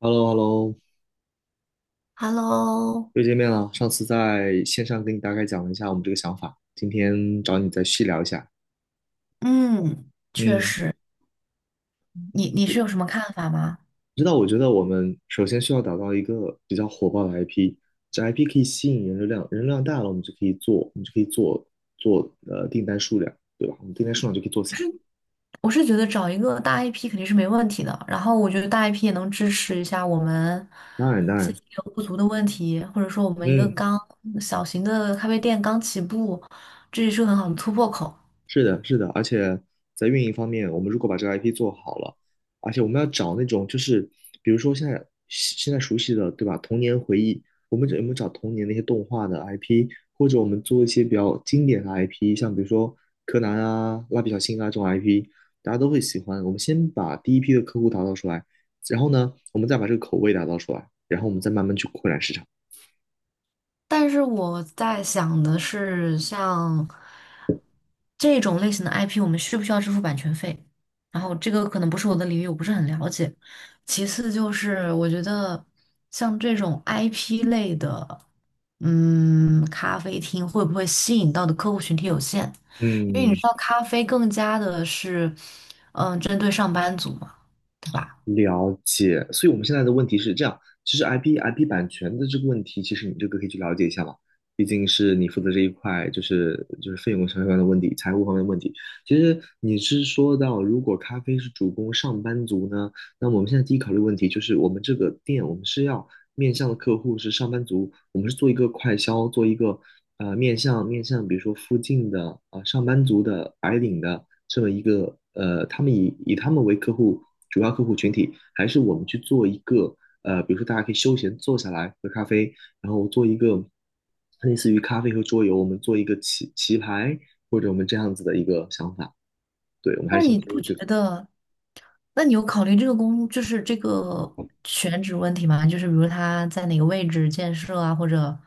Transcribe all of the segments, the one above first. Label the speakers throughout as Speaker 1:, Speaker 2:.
Speaker 1: h e l l o h e l l o
Speaker 2: Hello，
Speaker 1: 又见面了。上次在线上跟你大概讲了一下我们这个想法，今天找你再细聊一下。
Speaker 2: 嗯，确
Speaker 1: 嗯，
Speaker 2: 实，你是有什么看法吗？
Speaker 1: 知道，我觉得我们首先需要打造一个比较火爆的 IP，这 IP 可以吸引人流量，人流量大了，我们就可以做订单数量，对吧？我们订单数量就可以做起来。
Speaker 2: 我是觉得找一个大 IP 肯定是没问题的，然后我觉得大 IP 也能支持一下我们
Speaker 1: 当然，当然。
Speaker 2: 现在有不足的问题，或者说我们一个
Speaker 1: 嗯，
Speaker 2: 刚小型的咖啡店刚起步，这也是个很好的突破口。
Speaker 1: 是的，是的，而且在运营方面，我们如果把这个 IP 做好了，而且我们要找那种就是，比如说现在熟悉的，对吧？童年回忆，我们有没有找童年那些动画的 IP，或者我们做一些比较经典的 IP，像比如说柯南啊、蜡笔小新啊这种 IP，大家都会喜欢。我们先把第一批的客户打造出来，然后呢，我们再把这个口味打造出来，然后我们再慢慢去扩展市场。
Speaker 2: 但是我在想的是，像这种类型的 IP，我们需不需要支付版权费？然后这个可能不是我的领域，我不是很了解。其次就是，我觉得像这种 IP 类的，咖啡厅会不会吸引到的客户群体有限？因为你
Speaker 1: 嗯，
Speaker 2: 知道，咖啡更加的是，针对上班族嘛，对吧？
Speaker 1: 了解，所以我们现在的问题是这样，其实 IP 版权的这个问题，其实你这个可以去了解一下嘛，毕竟是你负责这一块，就是费用相关的问题、财务方面的问题。其实你是说到，如果咖啡是主攻上班族呢，那我们现在第一考虑问题就是，我们这个店我们是要面向的客户是上班族，我们是做一个快销，做一个面向，比如说附近的啊、上班族的白领的这么一个他们以他们为客户主要客户群体，还是我们去做一个比如说大家可以休闲坐下来喝咖啡，然后做一个类似于咖啡和桌游，我们做一个棋牌或者我们这样子的一个想法，对，我们还
Speaker 2: 那
Speaker 1: 是先
Speaker 2: 你
Speaker 1: 建
Speaker 2: 不
Speaker 1: 立
Speaker 2: 觉
Speaker 1: 这个。
Speaker 2: 得？那你有考虑这个工，就是这个选址问题吗？就是比如他在哪个位置建设啊，或者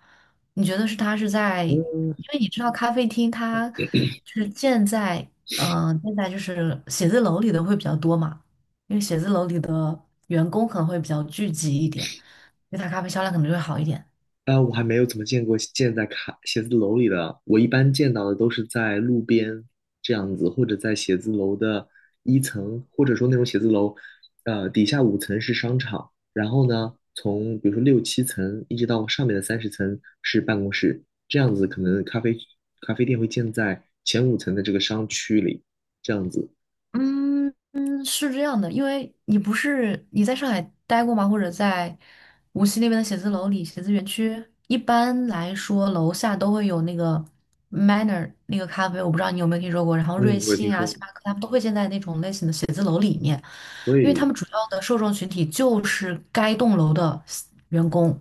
Speaker 2: 你觉得是他是在，因
Speaker 1: 嗯，
Speaker 2: 为你知道咖啡厅它就是建在就是写字楼里的会比较多嘛，因为写字楼里的员工可能会比较聚集一点，所以它咖啡销量可能就会好一点。
Speaker 1: 我还没有怎么见过建在卡写字楼里的，我一般见到的都是在路边这样子，或者在写字楼的一层，或者说那种写字楼，底下五层是商场，然后呢，从比如说六七层一直到上面的30层是办公室，这样子可能咖啡店会建在前五层的这个商区里，这样子。
Speaker 2: 嗯嗯，是这样的，因为你不是你在上海待过吗？或者在无锡那边的写字楼里、写字园区，一般来说楼下都会有那个 Manner 那个咖啡，我不知道你有没有听说过。然后瑞
Speaker 1: 嗯，我也听
Speaker 2: 幸
Speaker 1: 说
Speaker 2: 啊、星
Speaker 1: 过，
Speaker 2: 巴克，他们都会建在那种类型的写字楼里面，
Speaker 1: 所
Speaker 2: 因为他
Speaker 1: 以
Speaker 2: 们主要的受众群体就是该栋楼的员工，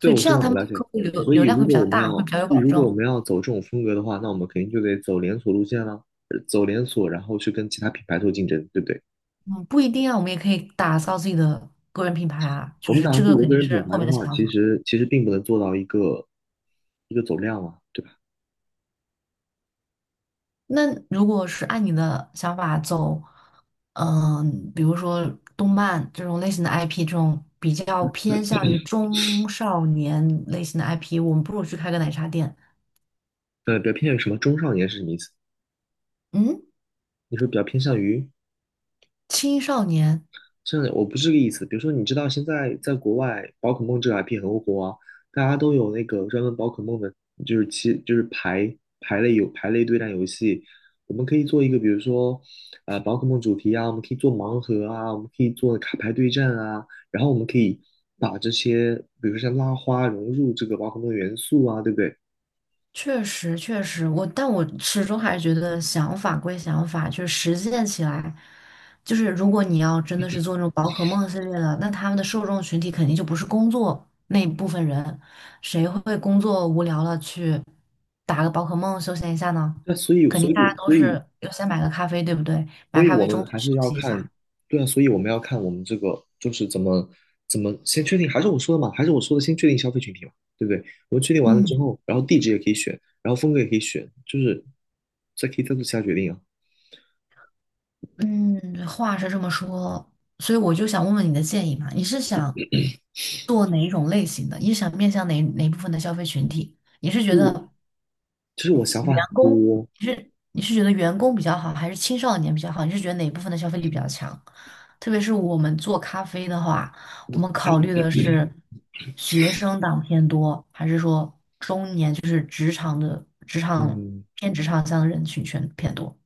Speaker 1: 对，
Speaker 2: 所以
Speaker 1: 我
Speaker 2: 这
Speaker 1: 知
Speaker 2: 样
Speaker 1: 道，
Speaker 2: 他
Speaker 1: 我
Speaker 2: 们
Speaker 1: 了
Speaker 2: 的
Speaker 1: 解。
Speaker 2: 客户流
Speaker 1: 所以，
Speaker 2: 流量
Speaker 1: 如
Speaker 2: 会比
Speaker 1: 果
Speaker 2: 较
Speaker 1: 我们要，
Speaker 2: 大，会比较有
Speaker 1: 所以
Speaker 2: 保
Speaker 1: 如果我
Speaker 2: 证。
Speaker 1: 们要走这种风格的话，那我们肯定就得走连锁路线了，走连锁，然后去跟其他品牌做竞争，对不对？
Speaker 2: 嗯，不一定啊，我们也可以打造自己的个人品牌啊，
Speaker 1: 我
Speaker 2: 就
Speaker 1: 们
Speaker 2: 是
Speaker 1: 打造
Speaker 2: 这
Speaker 1: 自
Speaker 2: 个
Speaker 1: 己的
Speaker 2: 肯
Speaker 1: 个
Speaker 2: 定
Speaker 1: 人
Speaker 2: 是
Speaker 1: 品
Speaker 2: 后
Speaker 1: 牌的
Speaker 2: 面的
Speaker 1: 话，
Speaker 2: 想
Speaker 1: 其
Speaker 2: 法。
Speaker 1: 实其实并不能做到一个一个走量嘛，对吧？
Speaker 2: 那如果是按你的想法走，比如说动漫这种类型的 IP，这种比较偏向于中少年类型的 IP，我们不如去开个奶茶店。
Speaker 1: 比较偏向于什么中上年是什么意思？
Speaker 2: 嗯，
Speaker 1: 你说比较偏向于？
Speaker 2: 青少年，
Speaker 1: 真的，我不是这个意思。比如说，你知道现在在国外，宝可梦这个 IP 很火啊，大家都有那个专门宝可梦的，就是其就是排排类有排类对战游戏。我们可以做一个，比如说，宝可梦主题啊，我们可以做盲盒啊，我们可以做卡牌对战啊，然后我们可以把这些，比如说像拉花融入这个宝可梦的元素啊，对不对？
Speaker 2: 确实，确实，但我始终还是觉得想法归想法，就是实践起来，就是如果你要真的是做那种宝可梦系列的，那他们的受众群体肯定就不是工作那一部分人，谁会工作无聊了去打个宝可梦休闲一下呢？
Speaker 1: 那所以，
Speaker 2: 肯
Speaker 1: 所
Speaker 2: 定大家
Speaker 1: 以，
Speaker 2: 都
Speaker 1: 所以
Speaker 2: 是要先买个咖啡，对不对？
Speaker 1: 所
Speaker 2: 买
Speaker 1: 以
Speaker 2: 咖
Speaker 1: 我
Speaker 2: 啡中
Speaker 1: 们
Speaker 2: 途
Speaker 1: 还
Speaker 2: 休
Speaker 1: 是要
Speaker 2: 息一
Speaker 1: 看，
Speaker 2: 下。
Speaker 1: 对啊，所以我们要看我们这个就是怎么先确定，还是我说的嘛，还是我说的，先确定消费群体嘛，对不对？我们确定完了之
Speaker 2: 嗯。
Speaker 1: 后，然后地址也可以选，然后风格也可以选，就是再可以再做其他决定啊。
Speaker 2: 嗯，话是这么说，所以我就想问问你的建议嘛，你是想做哪一种类型的？你想面向哪部分的消费群体？
Speaker 1: 不，就是我想
Speaker 2: 员
Speaker 1: 法很
Speaker 2: 工，
Speaker 1: 多，
Speaker 2: 你是觉得员工比较好，还是青少年比较好？你是觉得哪部分的消费力比较强？特别是我们做咖啡的话，我们考虑的是学生党偏多，还是说中年就是职场的职场
Speaker 1: 嗯。
Speaker 2: 偏职场向的人群偏多？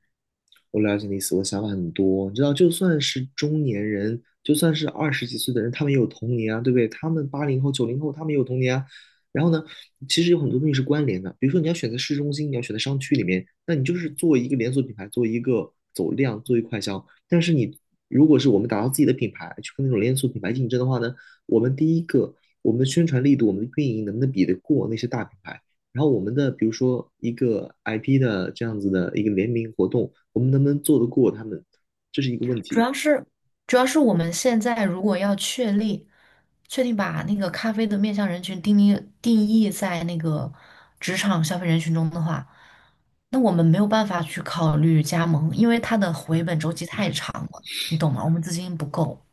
Speaker 1: 我了解你意思，我想法很多。你知道，就算是中年人，就算是20几岁的人，他们也有童年啊，对不对？他们80后、90后，他们也有童年啊。然后呢，其实有很多东西是关联的。比如说，你要选择市中心，你要选择商区里面，那你就是做一个连锁品牌，做一个走量，做一个快销。但是你如果是我们打造自己的品牌，去跟那种连锁品牌竞争的话呢，我们第一个，我们的宣传力度，我们的运营能不能比得过那些大品牌？然后我们的比如说一个 IP 的这样子的一个联名活动，我们能不能做得过他们，这是一个问
Speaker 2: 主
Speaker 1: 题。
Speaker 2: 要是主要是我们现在如果要确定把那个咖啡的面向人群定义在那个职场消费人群中的话，那我们没有办法去考虑加盟，因为它的回本周期太长了，你懂吗？我们资金不够，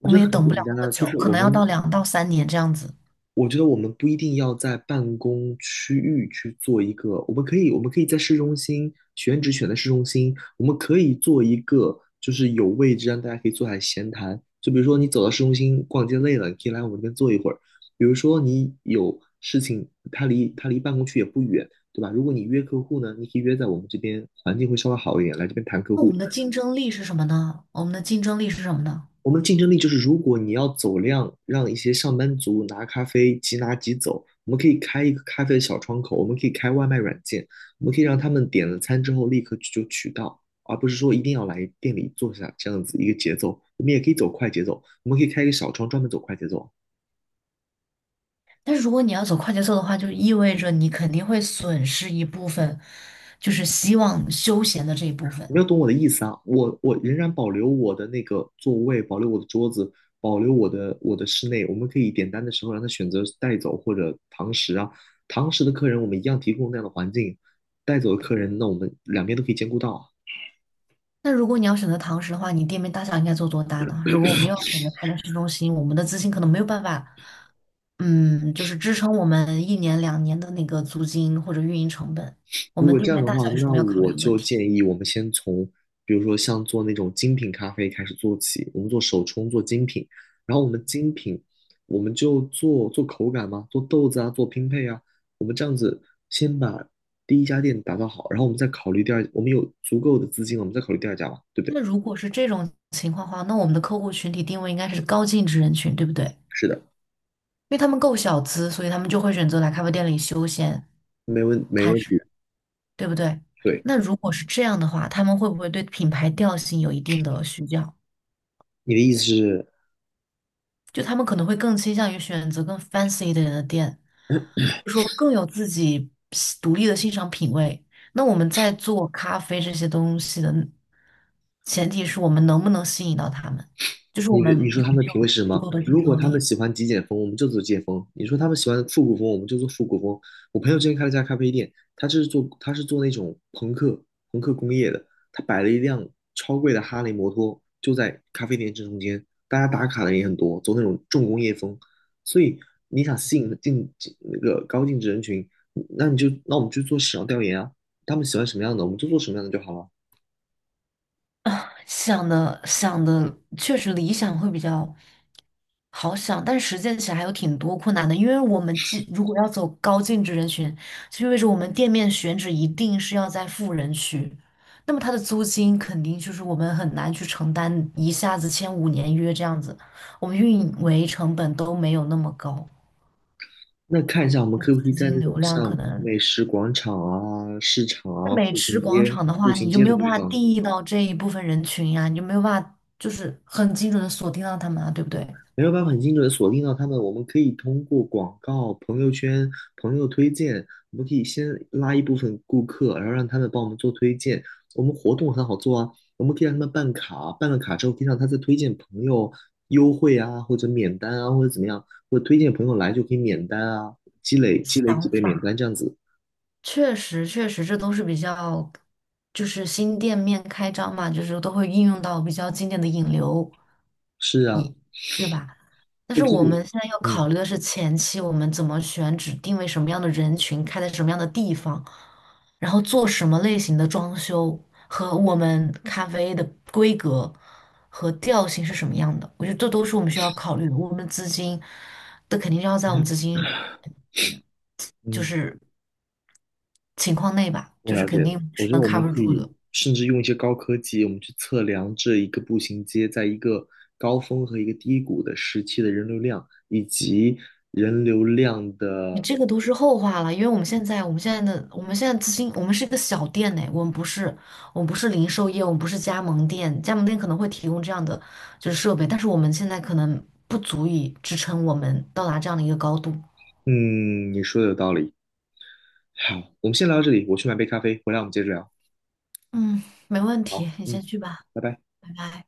Speaker 1: 我
Speaker 2: 我
Speaker 1: 觉得
Speaker 2: 们也
Speaker 1: 很
Speaker 2: 等不
Speaker 1: 简
Speaker 2: 了那
Speaker 1: 单
Speaker 2: 么
Speaker 1: 啊，
Speaker 2: 久，可能要到2到3年这样子。
Speaker 1: 我觉得我们不一定要在办公区域去做一个，我们可以，我们可以在市中心，选址，选在市中心，我们可以做一个，就是有位置让大家可以坐下来闲谈。就比如说你走到市中心逛街累了，你可以来我们这边坐一会儿。比如说你有事情，它离办公区也不远，对吧？如果你约客户呢，你可以约在我们这边，环境会稍微好一点，来这边谈客
Speaker 2: 那我
Speaker 1: 户。
Speaker 2: 们的竞争力是什么呢？我们的竞争力是什么呢？
Speaker 1: 我们的竞争力就是，如果你要走量，让一些上班族拿咖啡即拿即走，我们可以开一个咖啡的小窗口，我们可以开外卖软件，我们可以让他们点了餐之后立刻就取到，而不是说一定要来店里坐下这样子一个节奏。我们也可以走快节奏，我们可以开一个小窗专门走快节奏。
Speaker 2: 但是如果你要走快节奏的话，就意味着你肯定会损失一部分，就是希望休闲的这一部分。
Speaker 1: 你要懂我的意思啊！我仍然保留我的那个座位，保留我的桌子，保留我的室内。我们可以点单的时候让他选择带走或者堂食啊。堂食的客人我们一样提供那样的环境，带走的客人那我们两边都可以兼顾到啊。
Speaker 2: 那如果你要选择堂食的话，你店面大小应该做多大呢？如果我们又要选择开在市中心，我们的资金可能没有办法，就是支撑我们一年两年的那个租金或者运营成本。我
Speaker 1: 如
Speaker 2: 们
Speaker 1: 果
Speaker 2: 店
Speaker 1: 这样
Speaker 2: 面
Speaker 1: 的
Speaker 2: 大
Speaker 1: 话，
Speaker 2: 小也是我
Speaker 1: 那
Speaker 2: 们要考虑
Speaker 1: 我
Speaker 2: 的问
Speaker 1: 就
Speaker 2: 题。
Speaker 1: 建议我们先从，比如说像做那种精品咖啡开始做起，我们做手冲，做精品，然后我们精品，我们就做做口感嘛，做豆子啊，做拼配啊，我们这样子先把第一家店打造好，然后我们再考虑第二，我们有足够的资金了，我们再考虑第二家嘛，对不对？
Speaker 2: 那如果是这种情况的话，那我们的客户群体定位应该是高净值人群，对不对？因
Speaker 1: 是的，
Speaker 2: 为他们够小资，所以他们就会选择来咖啡店里休闲。
Speaker 1: 没问没
Speaker 2: 摊
Speaker 1: 问
Speaker 2: 事
Speaker 1: 题。
Speaker 2: 对不对？
Speaker 1: 对，
Speaker 2: 那如果是这样的话，他们会不会对品牌调性有一定的需要？
Speaker 1: 你的意思是
Speaker 2: 就他们可能会更倾向于选择更 fancy 一点的店，或者说更有自己喜独立的欣赏品味。那我们在做咖啡这些东西的前提是我们能不能吸引到他们，就是我
Speaker 1: 你的
Speaker 2: 们
Speaker 1: 你说
Speaker 2: 有
Speaker 1: 他们的
Speaker 2: 没
Speaker 1: 品味
Speaker 2: 有
Speaker 1: 是什
Speaker 2: 足
Speaker 1: 么？
Speaker 2: 够的竞
Speaker 1: 如果
Speaker 2: 争
Speaker 1: 他们
Speaker 2: 力。
Speaker 1: 喜欢极简风，我们就做极简风；你说他们喜欢复古风，我们就做复古风。我朋友之前开了家咖啡店，他就是做他是做那种朋克工业的，他摆了一辆超贵的哈雷摩托，就在咖啡店正中间，大家打卡的人也很多，走那种重工业风。所以你想吸引进那个高净值人群，那我们就做市场调研啊，他们喜欢什么样的，我们就做什么样的就好了。
Speaker 2: 啊？想的确实理想会比较。好想，但实践起来还有挺多困难的，因为我们既如果要走高净值人群，就意味着我们店面选址一定是要在富人区，那么它的租金肯定就是我们很难去承担，一下子签5年约这样子，我们运维成本都没有那么高，
Speaker 1: 那看一下，我们可不可以
Speaker 2: 资
Speaker 1: 在
Speaker 2: 金
Speaker 1: 那种
Speaker 2: 流量可
Speaker 1: 像
Speaker 2: 能
Speaker 1: 美食广场啊、市场
Speaker 2: 那
Speaker 1: 啊、
Speaker 2: 美
Speaker 1: 步
Speaker 2: 食
Speaker 1: 行
Speaker 2: 广
Speaker 1: 街、
Speaker 2: 场的
Speaker 1: 步
Speaker 2: 话，
Speaker 1: 行
Speaker 2: 你就
Speaker 1: 街
Speaker 2: 没
Speaker 1: 的
Speaker 2: 有办
Speaker 1: 地
Speaker 2: 法
Speaker 1: 方，
Speaker 2: 定义到这一部分人群呀、你就没有办法就是很精准的锁定到他们啊，对不对？
Speaker 1: 没有办法很精准的锁定到他们？我们可以通过广告、朋友圈、朋友推荐，我们可以先拉一部分顾客，然后让他们帮我们做推荐。我们活动很好做啊，我们可以让他们办卡，办了卡之后可以让他再推荐朋友优惠啊，或者免单啊，或者怎么样，或者推荐朋友来就可以免单啊，积累积累几
Speaker 2: 想
Speaker 1: 倍免单
Speaker 2: 法。
Speaker 1: 这样子。
Speaker 2: 确实，确实，这都是比较，就是新店面开张嘛，就是都会应用到比较经典的引流，
Speaker 1: 是啊，
Speaker 2: 引，对吧？但
Speaker 1: 对，
Speaker 2: 是
Speaker 1: 这
Speaker 2: 我们
Speaker 1: 里
Speaker 2: 现在要考虑
Speaker 1: 嗯。
Speaker 2: 的是前期我们怎么选址，定位什么样的人群，开在什么样的地方，然后做什么类型的装修，和我们咖啡的规格和调性是什么样的。我觉得这都是我们需要考虑的。我们资金，这肯定要在我们资金，嗯，就
Speaker 1: 嗯，
Speaker 2: 是。情况内吧，
Speaker 1: 我
Speaker 2: 就是
Speaker 1: 了
Speaker 2: 肯
Speaker 1: 解。
Speaker 2: 定
Speaker 1: 我
Speaker 2: 是
Speaker 1: 觉得
Speaker 2: 能
Speaker 1: 我们
Speaker 2: cover
Speaker 1: 可
Speaker 2: 住
Speaker 1: 以
Speaker 2: 的。
Speaker 1: 甚至用一些高科技，我们去测量这一个步行街在一个高峰和一个低谷的时期的人流量，以及人流量
Speaker 2: 你
Speaker 1: 的。
Speaker 2: 这个都是后话了，因为我们现在资金，我们是一个小店呢，我们不是零售业，我们不是加盟店，加盟店可能会提供这样的就是设备，但是我们现在可能不足以支撑我们到达这样的一个高度。
Speaker 1: 嗯，你说的有道理。好，我们先聊到这里，我去买杯咖啡，回来我们接着聊。
Speaker 2: 嗯，没问
Speaker 1: 好，
Speaker 2: 题，你
Speaker 1: 嗯，
Speaker 2: 先去吧，
Speaker 1: 拜拜。
Speaker 2: 拜拜。